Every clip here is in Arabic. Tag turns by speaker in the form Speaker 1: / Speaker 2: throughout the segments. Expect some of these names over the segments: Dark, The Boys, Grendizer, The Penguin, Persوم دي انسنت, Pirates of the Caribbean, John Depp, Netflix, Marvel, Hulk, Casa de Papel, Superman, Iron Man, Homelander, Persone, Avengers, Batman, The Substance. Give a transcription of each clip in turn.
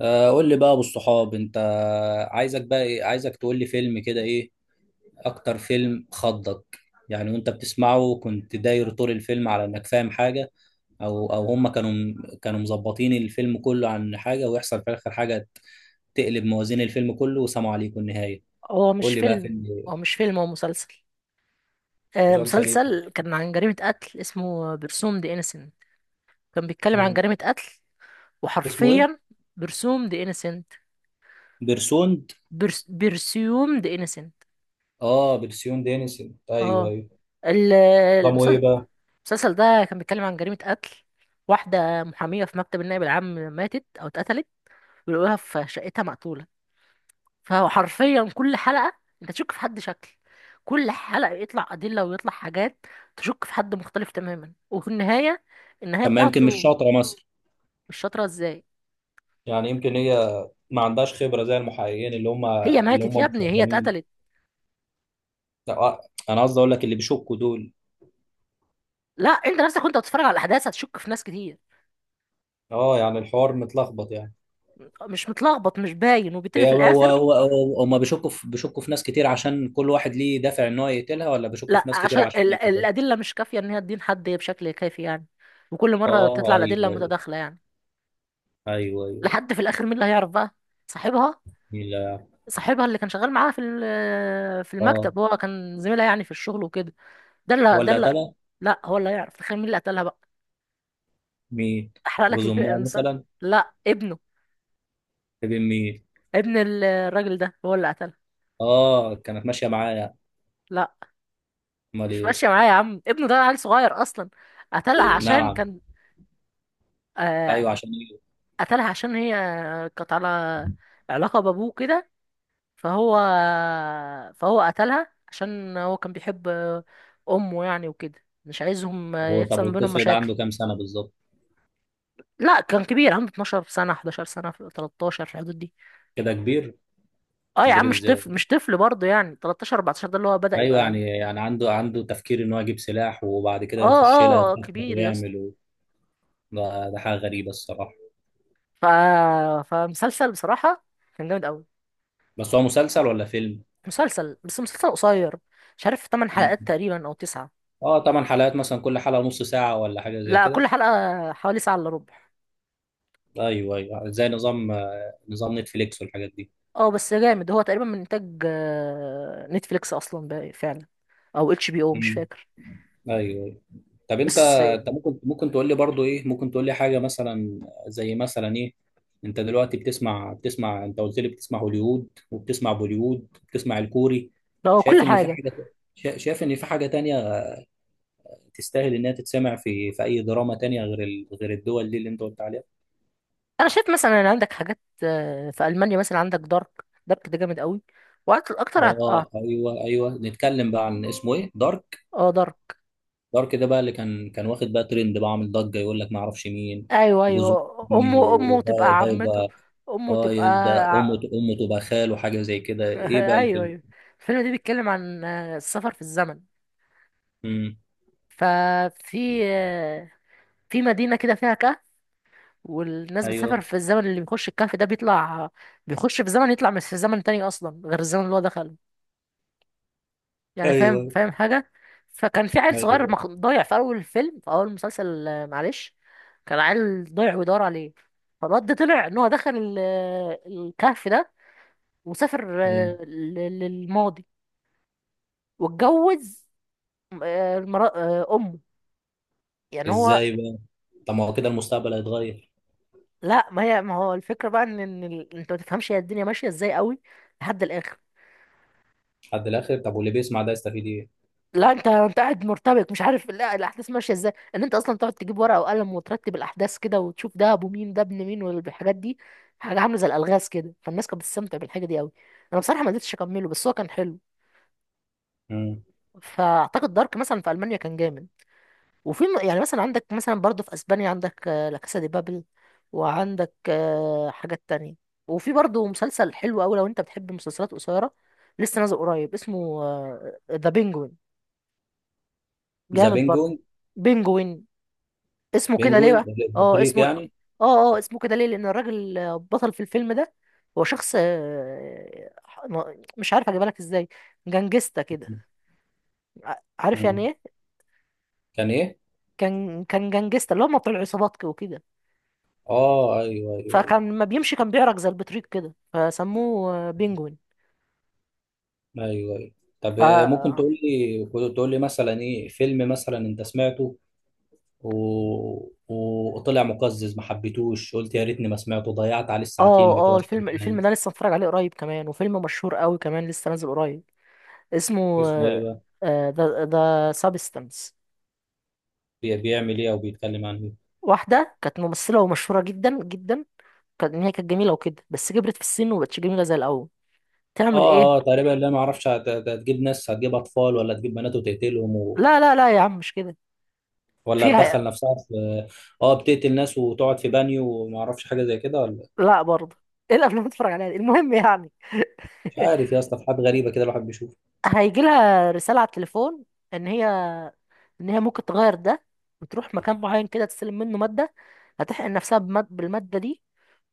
Speaker 1: قول لي بقى ابو الصحاب انت. عايزك بقى ايه عايزك تقول لي فيلم كده ايه؟ اكتر فيلم خضك؟ يعني وانت بتسمعه كنت داير طول الفيلم على انك فاهم حاجة؟ او هم كانوا مظبطين الفيلم كله عن حاجة، ويحصل في الاخر حاجة تقلب موازين الفيلم كله وسلام عليكم النهاية.
Speaker 2: هو
Speaker 1: قول
Speaker 2: مش
Speaker 1: لي بقى
Speaker 2: فيلم
Speaker 1: فيلم إيه؟
Speaker 2: هو مش فيلم، هو مسلسل. آه،
Speaker 1: مسلسل ايه؟
Speaker 2: مسلسل كان عن جريمة قتل، اسمه برسوم دي انسنت. كان بيتكلم عن
Speaker 1: مم.
Speaker 2: جريمة قتل،
Speaker 1: اسمه ايه؟
Speaker 2: وحرفيا برسوم دي انسنت.
Speaker 1: بيرسوند.
Speaker 2: برسيوم دي انسنت.
Speaker 1: اه، بيرسيون دينيسن، ايوه
Speaker 2: اه
Speaker 1: ايوه.
Speaker 2: ال-
Speaker 1: نظامه ايه
Speaker 2: المسل-
Speaker 1: بقى؟
Speaker 2: المسلسل ده كان بيتكلم عن جريمة قتل. واحدة محامية في مكتب النائب العام ماتت أو اتقتلت، ولقوها في شقتها مقتولة. فهو حرفيا كل حلقة انت تشك في حد شكل، كل حلقة يطلع أدلة ويطلع حاجات، تشك في حد مختلف تماما. وفي النهاية
Speaker 1: طب ما يمكن مش
Speaker 2: بتاعته.
Speaker 1: شاطرة مثلا.
Speaker 2: مش شاطرة ازاي؟
Speaker 1: يعني يمكن هي ما عندهاش خبرة زي المحققين اللي هم
Speaker 2: هي
Speaker 1: اللي
Speaker 2: ماتت
Speaker 1: هم
Speaker 2: يا ابني، هي
Speaker 1: مخضرمين.
Speaker 2: اتقتلت.
Speaker 1: لا، انا قصدي اقول لك اللي بيشكوا دول.
Speaker 2: لا، انت نفسك وانت بتتفرج على الأحداث هتشك في ناس كتير.
Speaker 1: اه، يعني الحوار متلخبط يعني.
Speaker 2: مش متلخبط، مش باين، وبالتالي
Speaker 1: هي
Speaker 2: في
Speaker 1: هو هو
Speaker 2: الآخر.
Speaker 1: هو- هو- هم بيشكوا في ناس كتير عشان كل واحد ليه دافع ان هو يقتلها، ولا بيشكوا
Speaker 2: لا،
Speaker 1: في ناس كتير
Speaker 2: عشان
Speaker 1: عشان دي بالظبط؟
Speaker 2: الأدلة مش كافية إن هي تدين حد بشكل كافي يعني، وكل مرة تطلع
Speaker 1: اه،
Speaker 2: الأدلة
Speaker 1: ايوه ايوه
Speaker 2: متداخلة يعني.
Speaker 1: ايوه ايوه.
Speaker 2: لحد في الآخر مين اللي هيعرف بقى؟ صاحبها
Speaker 1: مين؟ لا.
Speaker 2: صاحبها اللي كان شغال معاها في في
Speaker 1: اه،
Speaker 2: المكتب، هو كان زميلها يعني في الشغل وكده. ده اللي ده
Speaker 1: ولا
Speaker 2: اللي
Speaker 1: تلا.
Speaker 2: لا، هو اللي هيعرف. تخيل مين اللي قتلها بقى؟
Speaker 1: مين؟ جوز امها
Speaker 2: المسلسل.
Speaker 1: مثلا؟
Speaker 2: لا، ابنه.
Speaker 1: ابن مين؟
Speaker 2: ابن الراجل ده هو اللي قتلها.
Speaker 1: اه، كانت ماشيه معايا.
Speaker 2: لا،
Speaker 1: امال
Speaker 2: مش
Speaker 1: ايه؟
Speaker 2: ماشيه معايا يا عم، ابنه ده عيل صغير اصلا. قتلها عشان
Speaker 1: نعم؟
Speaker 2: كان آه
Speaker 1: ايوه، عشان ايه؟
Speaker 2: قتلها عشان هي كانت على علاقه بابوه كده. فهو فهو قتلها عشان هو كان بيحب امه يعني وكده، مش عايزهم يحصل
Speaker 1: طب
Speaker 2: ما بينهم
Speaker 1: والطفل ده
Speaker 2: مشاكل.
Speaker 1: عنده كام سنه بالظبط؟
Speaker 2: لا، كان كبير، عنده 12 سنة، 11 سنة، في 13، في الحدود دي.
Speaker 1: كده كبير؟
Speaker 2: اه يا عم
Speaker 1: كبير
Speaker 2: مش
Speaker 1: ازاي؟
Speaker 2: طفل، مش طفل برضه، يعني 13 14، ده اللي هو بدأ
Speaker 1: ايوه،
Speaker 2: يبقى.
Speaker 1: يعني عنده تفكير ان هو يجيب سلاح وبعد كده يخش لها يخطط
Speaker 2: كبير يا اسطى.
Speaker 1: ويعمل. ده حاجه غريبه الصراحه.
Speaker 2: ف... فمسلسل بصراحة كان جامد قوي.
Speaker 1: بس هو مسلسل ولا فيلم؟
Speaker 2: مسلسل، بس مسلسل قصير، مش عارف 8
Speaker 1: مم.
Speaker 2: حلقات تقريبا او 9.
Speaker 1: اه طبعا، حلقات مثلا كل حلقه نص ساعه ولا حاجه زي
Speaker 2: لا،
Speaker 1: كده؟
Speaker 2: كل حلقة حوالي ساعة الا ربع.
Speaker 1: ايوه ايوه، زي نظام نتفليكس والحاجات دي.
Speaker 2: اه بس جامد، هو تقريبا من انتاج نتفليكس اصلا بقى فعلا، او اتش بي او، مش
Speaker 1: مم.
Speaker 2: فاكر.
Speaker 1: ايوه أيوة. طب انت
Speaker 2: بس
Speaker 1: انت ممكن تقول لي برضو ايه، ممكن تقول لي حاجه مثلا؟ زي مثلا ايه؟ انت دلوقتي بتسمع انت قلت لي بتسمع هوليوود وبتسمع بوليوود وبتسمع الكوري.
Speaker 2: هو كل
Speaker 1: شايف ان في
Speaker 2: حاجة.
Speaker 1: حاجه، شايف ان في حاجه تانية تستاهل انها تتسمع في اي دراما تانية غير الدول دي اللي انت قلت عليها؟
Speaker 2: انا شايف مثلا ان عندك حاجات في المانيا، مثلا عندك دارك. دارك ده جامد قوي، وقت اكتر
Speaker 1: اه، ايوه ايوه. نتكلم بقى عن اسمه ايه، دارك.
Speaker 2: اه، دارك.
Speaker 1: دارك ده بقى اللي كان واخد بقى ترند، بقى عامل ضجه، يقول لك ما اعرفش مين.
Speaker 2: ايوه
Speaker 1: جوزه؟
Speaker 2: ايوه،
Speaker 1: مين
Speaker 2: امه
Speaker 1: وده؟
Speaker 2: تبقى
Speaker 1: ده
Speaker 2: عمته،
Speaker 1: يبقى.
Speaker 2: امه
Speaker 1: اه،
Speaker 2: تبقى
Speaker 1: ده امه
Speaker 2: ع-
Speaker 1: امه تبقى خال وحاجه زي كده. ايه بقى
Speaker 2: ايوه
Speaker 1: الفيلم؟
Speaker 2: ايوه. الفيلم ده بيتكلم عن السفر في الزمن.
Speaker 1: امم.
Speaker 2: ففي آه، في مدينه كده فيها كهف، والناس بتسافر
Speaker 1: ايوه
Speaker 2: في الزمن. اللي بيخش الكهف ده بيطلع، بيخش في زمن يطلع من في زمن تاني اصلا غير الزمن اللي هو دخله، يعني فاهم،
Speaker 1: ايوه
Speaker 2: فاهم حاجة. فكان في عيل صغير
Speaker 1: ايوه.
Speaker 2: ضايع في أول الفيلم، في أول المسلسل، معلش، كان عيل ضايع ويدور عليه. فالواد ده طلع إن هو دخل الكهف ده، وسافر
Speaker 1: امم.
Speaker 2: للماضي، واتجوز أمه، يعني هو.
Speaker 1: ازاي بقى؟ طب ما هو كده المستقبل هيتغير؟
Speaker 2: لا، ما هي، ما هو الفكرة بقى إن أنت ما تفهمش هي الدنيا ماشية إزاي قوي لحد الآخر.
Speaker 1: لحد الاخر؟ طب واللي بيسمع ده يستفيد ايه؟
Speaker 2: لا، انت قاعد مرتبك، مش عارف لا الاحداث ماشيه ازاي، ان انت اصلا تقعد تجيب ورقه وقلم وترتب الاحداث كده، وتشوف ده ابو مين، ده ابن مين، والحاجات دي. حاجه عامله زي الالغاز كده، فالناس كانت بتستمتع بالحاجه دي قوي. انا بصراحه ما قدرتش اكمله، بس هو كان حلو.
Speaker 1: امم.
Speaker 2: فاعتقد دارك مثلا في المانيا كان جامد. وفي يعني مثلا عندك، مثلا برضه في اسبانيا عندك لا كاسا دي بابل، وعندك حاجات تانية. وفي برضه مسلسل حلو قوي، لو انت بتحب مسلسلات قصيره، لسه نازل قريب، اسمه ذا بينجوين.
Speaker 1: ذا
Speaker 2: جامد برضه.
Speaker 1: بينجوين.
Speaker 2: بينجوين، اسمه كده ليه
Speaker 1: بينجوين.
Speaker 2: بقى؟ اه اسمه.
Speaker 1: بطريق.
Speaker 2: اه اه اسمه كده ليه لان الراجل بطل في الفيلم ده، هو شخص مش عارف اجيبها لك ازاي، جنجستا كده.
Speaker 1: يعني.
Speaker 2: عارف يعني ايه؟
Speaker 1: كان ايه؟
Speaker 2: كان جنجستا، اللي هم بتوع العصابات وكده.
Speaker 1: اه، ايوه ايوه
Speaker 2: فكان لما بيمشي كان بيعرج زي البطريق كده، فسموه بينجوين.
Speaker 1: ايوه ايوه. طب،
Speaker 2: ف
Speaker 1: ممكن
Speaker 2: اه
Speaker 1: تقول لي مثلا ايه فيلم مثلا انت سمعته و... وطلع مقزز ما حبيتوش، قلت يا ريتني ما سمعته، ضيعت عليه الساعتين بتوع
Speaker 2: اه الفيلم
Speaker 1: الامتحان؟
Speaker 2: ده لسه متفرج عليه قريب كمان، وفيلم مشهور قوي كمان، لسه نازل قريب، اسمه
Speaker 1: اسمه ايه بقى؟
Speaker 2: ذا سابستنس.
Speaker 1: بيعمل ايه او بيتكلم عن ايه؟
Speaker 2: واحدة كانت ممثلة ومشهورة جدا جدا، كانت إن هي كانت جميلة وكده، بس كبرت في السن ومبقتش جميلة زي الأول. تعمل
Speaker 1: اه اه،
Speaker 2: إيه؟
Speaker 1: تقريبا لا ما اعرفش، هتجيب ناس، هتجيب اطفال ولا هتجيب بنات وتقتلهم؟
Speaker 2: لا لا لا يا عم مش كده،
Speaker 1: ولا
Speaker 2: فيها.
Speaker 1: هتدخل نفسها في. اه، بتقتل ناس وتقعد في بانيو وما اعرفش حاجه زي كده، ولا؟
Speaker 2: لا برضه إيه الأفلام اللي بتتفرج عليها دي؟ المهم يعني
Speaker 1: مش عارف يا اسطى، في حاجات غريبه كده الواحد بيشوفها.
Speaker 2: هيجي لها رسالة على التليفون إن هي، ممكن تغير ده وتروح مكان معين كده تستلم منه مادة، هتحقن نفسها بالمادة دي،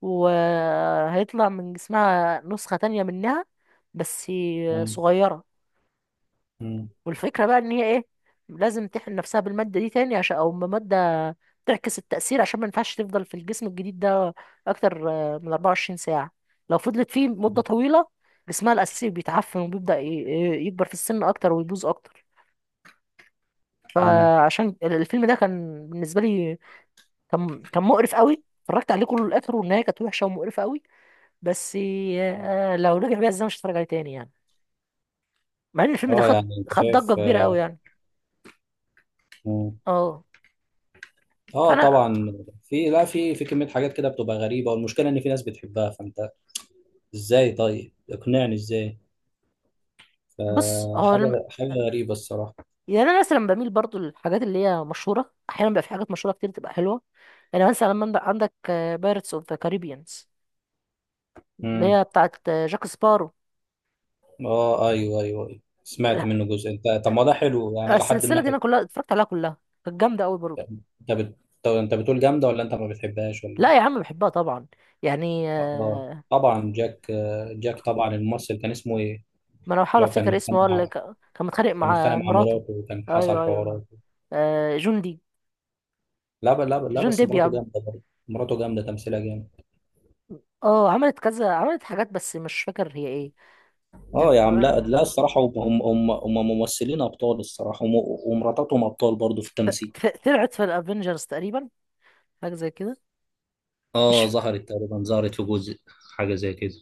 Speaker 2: وهيطلع من جسمها نسخة تانية منها، بس
Speaker 1: مم.
Speaker 2: صغيرة. والفكرة بقى ان هي ايه، لازم تحقن نفسها بالمادة دي تاني، عشان او مادة تعكس التأثير، عشان ما ينفعش تفضل في الجسم الجديد ده اكتر من 24 ساعة. لو فضلت فيه مدة طويلة، جسمها الأساسي بيتعفن، وبيبدأ يكبر في السن اكتر ويبوظ اكتر.
Speaker 1: مم.
Speaker 2: فعشان الفيلم ده كان بالنسبة لي، كان مقرف قوي. اتفرجت عليه كله للآخر، والنهاية كانت وحشة ومقرفة قوي. بس لو رجع بيها، ازاي مش هتفرج عليه تاني يعني، مع ان الفيلم ده
Speaker 1: اه
Speaker 2: خد،
Speaker 1: يعني، انت
Speaker 2: خد ضجة
Speaker 1: شايف.
Speaker 2: كبيرة قوي يعني.
Speaker 1: مم.
Speaker 2: اه،
Speaker 1: اه
Speaker 2: فانا،
Speaker 1: طبعا. في لا، في كمية حاجات كده بتبقى غريبة، والمشكلة ان في ناس بتحبها، فانت ازاي؟ طيب اقنعني ازاي؟
Speaker 2: بص هو،
Speaker 1: فحاجة حاجة غريبة الصراحة.
Speaker 2: يعني انا مثلا بميل برضو للحاجات اللي هي مشهوره، احيانا بيبقى في حاجات مشهوره كتير تبقى حلوه. يعني مثلا لما عندك بايرتس اوف ذا كاريبيانز، اللي
Speaker 1: مم.
Speaker 2: هي بتاعت جاك سبارو.
Speaker 1: اه ايوه ايوه ايوه، سمعت منه جزء انت. طب ما ده حلو يعني، لحد
Speaker 2: السلسله
Speaker 1: ما
Speaker 2: دي
Speaker 1: حلو.
Speaker 2: انا كلها اتفرجت عليها كلها، كانت جامده قوي برضو.
Speaker 1: انت بت... طب انت بتقول جامدة ولا انت ما بتحبهاش ولا
Speaker 2: لا يا
Speaker 1: ايه؟
Speaker 2: عم بحبها طبعا. يعني
Speaker 1: اه طبعا جاك طبعا، الممثل كان اسمه ايه؟
Speaker 2: ما انا بحاول
Speaker 1: اللي هو كان
Speaker 2: افتكر اسمه،
Speaker 1: متخانق
Speaker 2: هو اللي
Speaker 1: مع.
Speaker 2: كان متخانق
Speaker 1: كان
Speaker 2: مع
Speaker 1: متخانق مع
Speaker 2: مراته.
Speaker 1: مراته وكان حصل
Speaker 2: ايوه ايوه.
Speaker 1: حوارات.
Speaker 2: آه، جون دي
Speaker 1: لا ب- لا ب- لا
Speaker 2: جون
Speaker 1: بس
Speaker 2: ديب يا
Speaker 1: مراته
Speaker 2: عم.
Speaker 1: جامده برضه. مراته جامده، تمثيلها جامد.
Speaker 2: اه، عملت كذا، عملت حاجات بس مش فاكر هي ايه. ت-
Speaker 1: اه يا عم، لا لا، الصراحه هم ممثلين ابطال الصراحه. ومراتاتهم ابطال برضه في التمثيل.
Speaker 2: طلعت في الافينجرز تقريبا، حاجه زي كده.
Speaker 1: اه،
Speaker 2: مش
Speaker 1: ظهرت تقريبا، ظهرت في جزء. حاجه زي كده.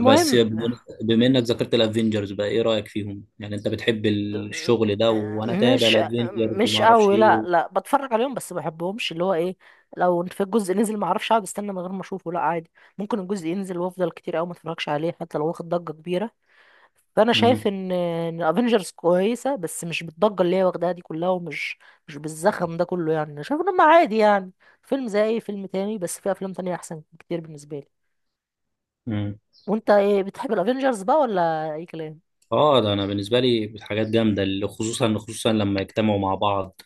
Speaker 1: بس بم- بما انك ذكرت الافينجرز، بقى ايه رايك فيهم؟ يعني انت بتحب الشغل ده،
Speaker 2: آه،
Speaker 1: وانا تابع
Speaker 2: مش
Speaker 1: الافينجرز
Speaker 2: مش
Speaker 1: وما اعرفش
Speaker 2: قوي،
Speaker 1: ايه
Speaker 2: لا
Speaker 1: و...
Speaker 2: لا، بتفرج عليهم بس ما بحبهمش. اللي هو ايه، لو في الجزء نزل، ما اعرفش، اقعد استنى من غير ما اشوفه، لا عادي. ممكن الجزء ينزل وافضل كتير قوي ما اتفرجش عليه حتى لو واخد ضجة كبيرة. فانا
Speaker 1: مم.
Speaker 2: شايف ان افنجرز كويسة، بس مش بالضجة اللي هي واخداها دي كلها، مش بالزخم ده كله يعني. أنا شايف ان هم عادي يعني، فيلم زي اي فيلم تاني، بس في افلام تانية احسن كتير بالنسبة لي.
Speaker 1: مم.
Speaker 2: وانت ايه، بتحب الافنجرز بقى ولا اي كلام؟
Speaker 1: اه، ده انا بالنسبه لي حاجات جامده، اللي خصوصا خصوصا لما يجتمعوا مع بعض.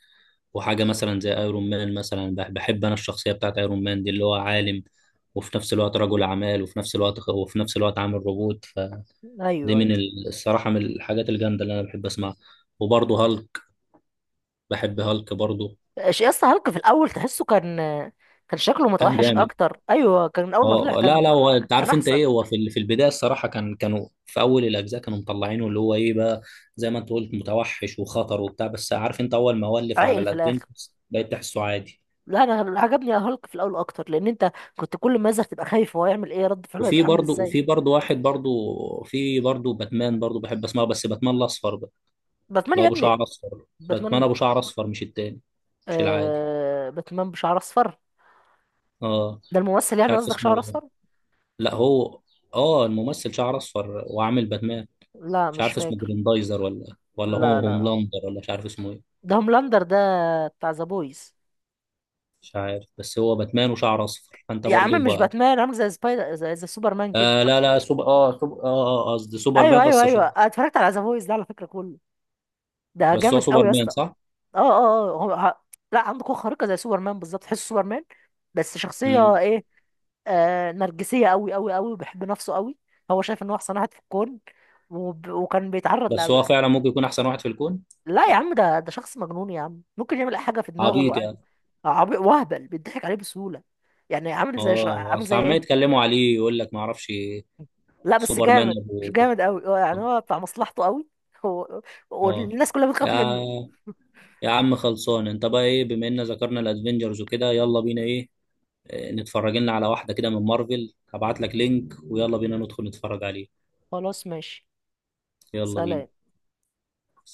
Speaker 1: وحاجه مثلا زي ايرون مان مثلا، بحب انا الشخصيه بتاعت ايرون مان دي اللي هو عالم، وفي نفس الوقت رجل اعمال وفي نفس الوقت عامل روبوت فدي.
Speaker 2: ايوه
Speaker 1: من
Speaker 2: ايوه.
Speaker 1: الصراحه من الحاجات الجامده اللي انا بحب اسمعها. وبرضه هالك، بحب هالك برضه.
Speaker 2: يا اسطى هالك في الاول تحسه كان، كان شكله
Speaker 1: كان
Speaker 2: متوحش
Speaker 1: جامد.
Speaker 2: اكتر. ايوه كان اول ما طلع
Speaker 1: اه لا لا، هو انت
Speaker 2: كان
Speaker 1: عارف انت
Speaker 2: احسن.
Speaker 1: ايه، هو في البدايه الصراحه كانوا في اول الاجزاء كانوا مطلعينه اللي هو ايه بقى. زي ما انت قلت متوحش وخطر وبتاع، بس عارف انت اول ما ولف على
Speaker 2: عاقل في الاخر.
Speaker 1: الادفنتس بقيت تحسه عادي.
Speaker 2: لا انا عجبني هالك في الاول اكتر، لان انت كنت كل ما يظهر تبقى خايف هو يعمل ايه، رد فعله
Speaker 1: وفي
Speaker 2: هيبقى عامل
Speaker 1: برضه
Speaker 2: ازاي.
Speaker 1: وفي برضه واحد برضه. في برضه باتمان برضه، بحب اسمعه، بس باتمان الاصفر بقى.
Speaker 2: باتمان
Speaker 1: اللي
Speaker 2: يا
Speaker 1: هو ابو
Speaker 2: ابني.
Speaker 1: شعر اصفر، باتمان ابو
Speaker 2: باتمان
Speaker 1: شعر اصفر، مش التاني. مش العادي.
Speaker 2: باتمان بشعر اصفر.
Speaker 1: اه.
Speaker 2: ده الممثل
Speaker 1: مش
Speaker 2: يعني
Speaker 1: عارف
Speaker 2: قصدك شعر
Speaker 1: اسمه إيه.
Speaker 2: اصفر.
Speaker 1: لا هو، اه، الممثل شعر اصفر وعامل باتمان.
Speaker 2: لا
Speaker 1: مش
Speaker 2: مش
Speaker 1: عارف اسمه
Speaker 2: فاكر.
Speaker 1: جريندايزر، ولا هو
Speaker 2: لا لا،
Speaker 1: هوملاندر، ولا مش عارف اسمه ايه.
Speaker 2: ده هوملاندر ده بتاع ذا بويز.
Speaker 1: مش عارف، بس هو باتمان وشعر اصفر، فانت
Speaker 2: يا
Speaker 1: برضو
Speaker 2: عم مش
Speaker 1: بقى.
Speaker 2: باتمان، عامل زي سبايدر، زي سوبرمان كده.
Speaker 1: آه لا لا، سوبر اه سوبر اه آه، آه، قصدي
Speaker 2: ايوه
Speaker 1: سوبرمان،
Speaker 2: ايوه
Speaker 1: بس
Speaker 2: ايوه،
Speaker 1: شعر
Speaker 2: أنا
Speaker 1: اصفر.
Speaker 2: اتفرجت على ذا بويز ده على فكره كله، ده
Speaker 1: بس هو
Speaker 2: جامد قوي يا
Speaker 1: سوبرمان
Speaker 2: اسطى.
Speaker 1: صح؟
Speaker 2: اه اه اه هو ه... لا عنده قوة خارقة زي سوبرمان بالظبط، تحس سوبرمان. بس شخصية
Speaker 1: مم.
Speaker 2: ايه؟ آه، نرجسية قوي قوي قوي، وبيحب نفسه قوي. هو شايف ان هو احسن واحد في الكون. وكان بيتعرض
Speaker 1: بس هو فعلا ممكن يكون احسن واحد في الكون.
Speaker 2: لا يا عم، ده شخص مجنون يا عم، ممكن يعمل اي حاجة في دماغه
Speaker 1: عبيط يعني.
Speaker 2: عادي. وهبل، بيضحك عليه بسهولة. يعني عامل زي
Speaker 1: اه،
Speaker 2: عامل
Speaker 1: اصل
Speaker 2: زي
Speaker 1: عمال
Speaker 2: ايه،
Speaker 1: يتكلموا عليه يقول لك ما اعرفش.
Speaker 2: لا بس
Speaker 1: سوبرمان
Speaker 2: جامد.
Speaker 1: ابو.
Speaker 2: مش جامد قوي هو يعني، هو بتاع مصلحته قوي. هو...
Speaker 1: اه
Speaker 2: والناس كلها بتخاف
Speaker 1: يا
Speaker 2: منه.
Speaker 1: يا عم خلصان، انت بقى ايه؟ بما ان ذكرنا الادفنجرز وكده، يلا بينا ايه؟ نتفرج لنا على واحدة كده من مارفل، هبعت لك لينك ويلا بينا ندخل نتفرج عليه.
Speaker 2: خلاص ماشي.
Speaker 1: يلا
Speaker 2: سلام.
Speaker 1: بينا.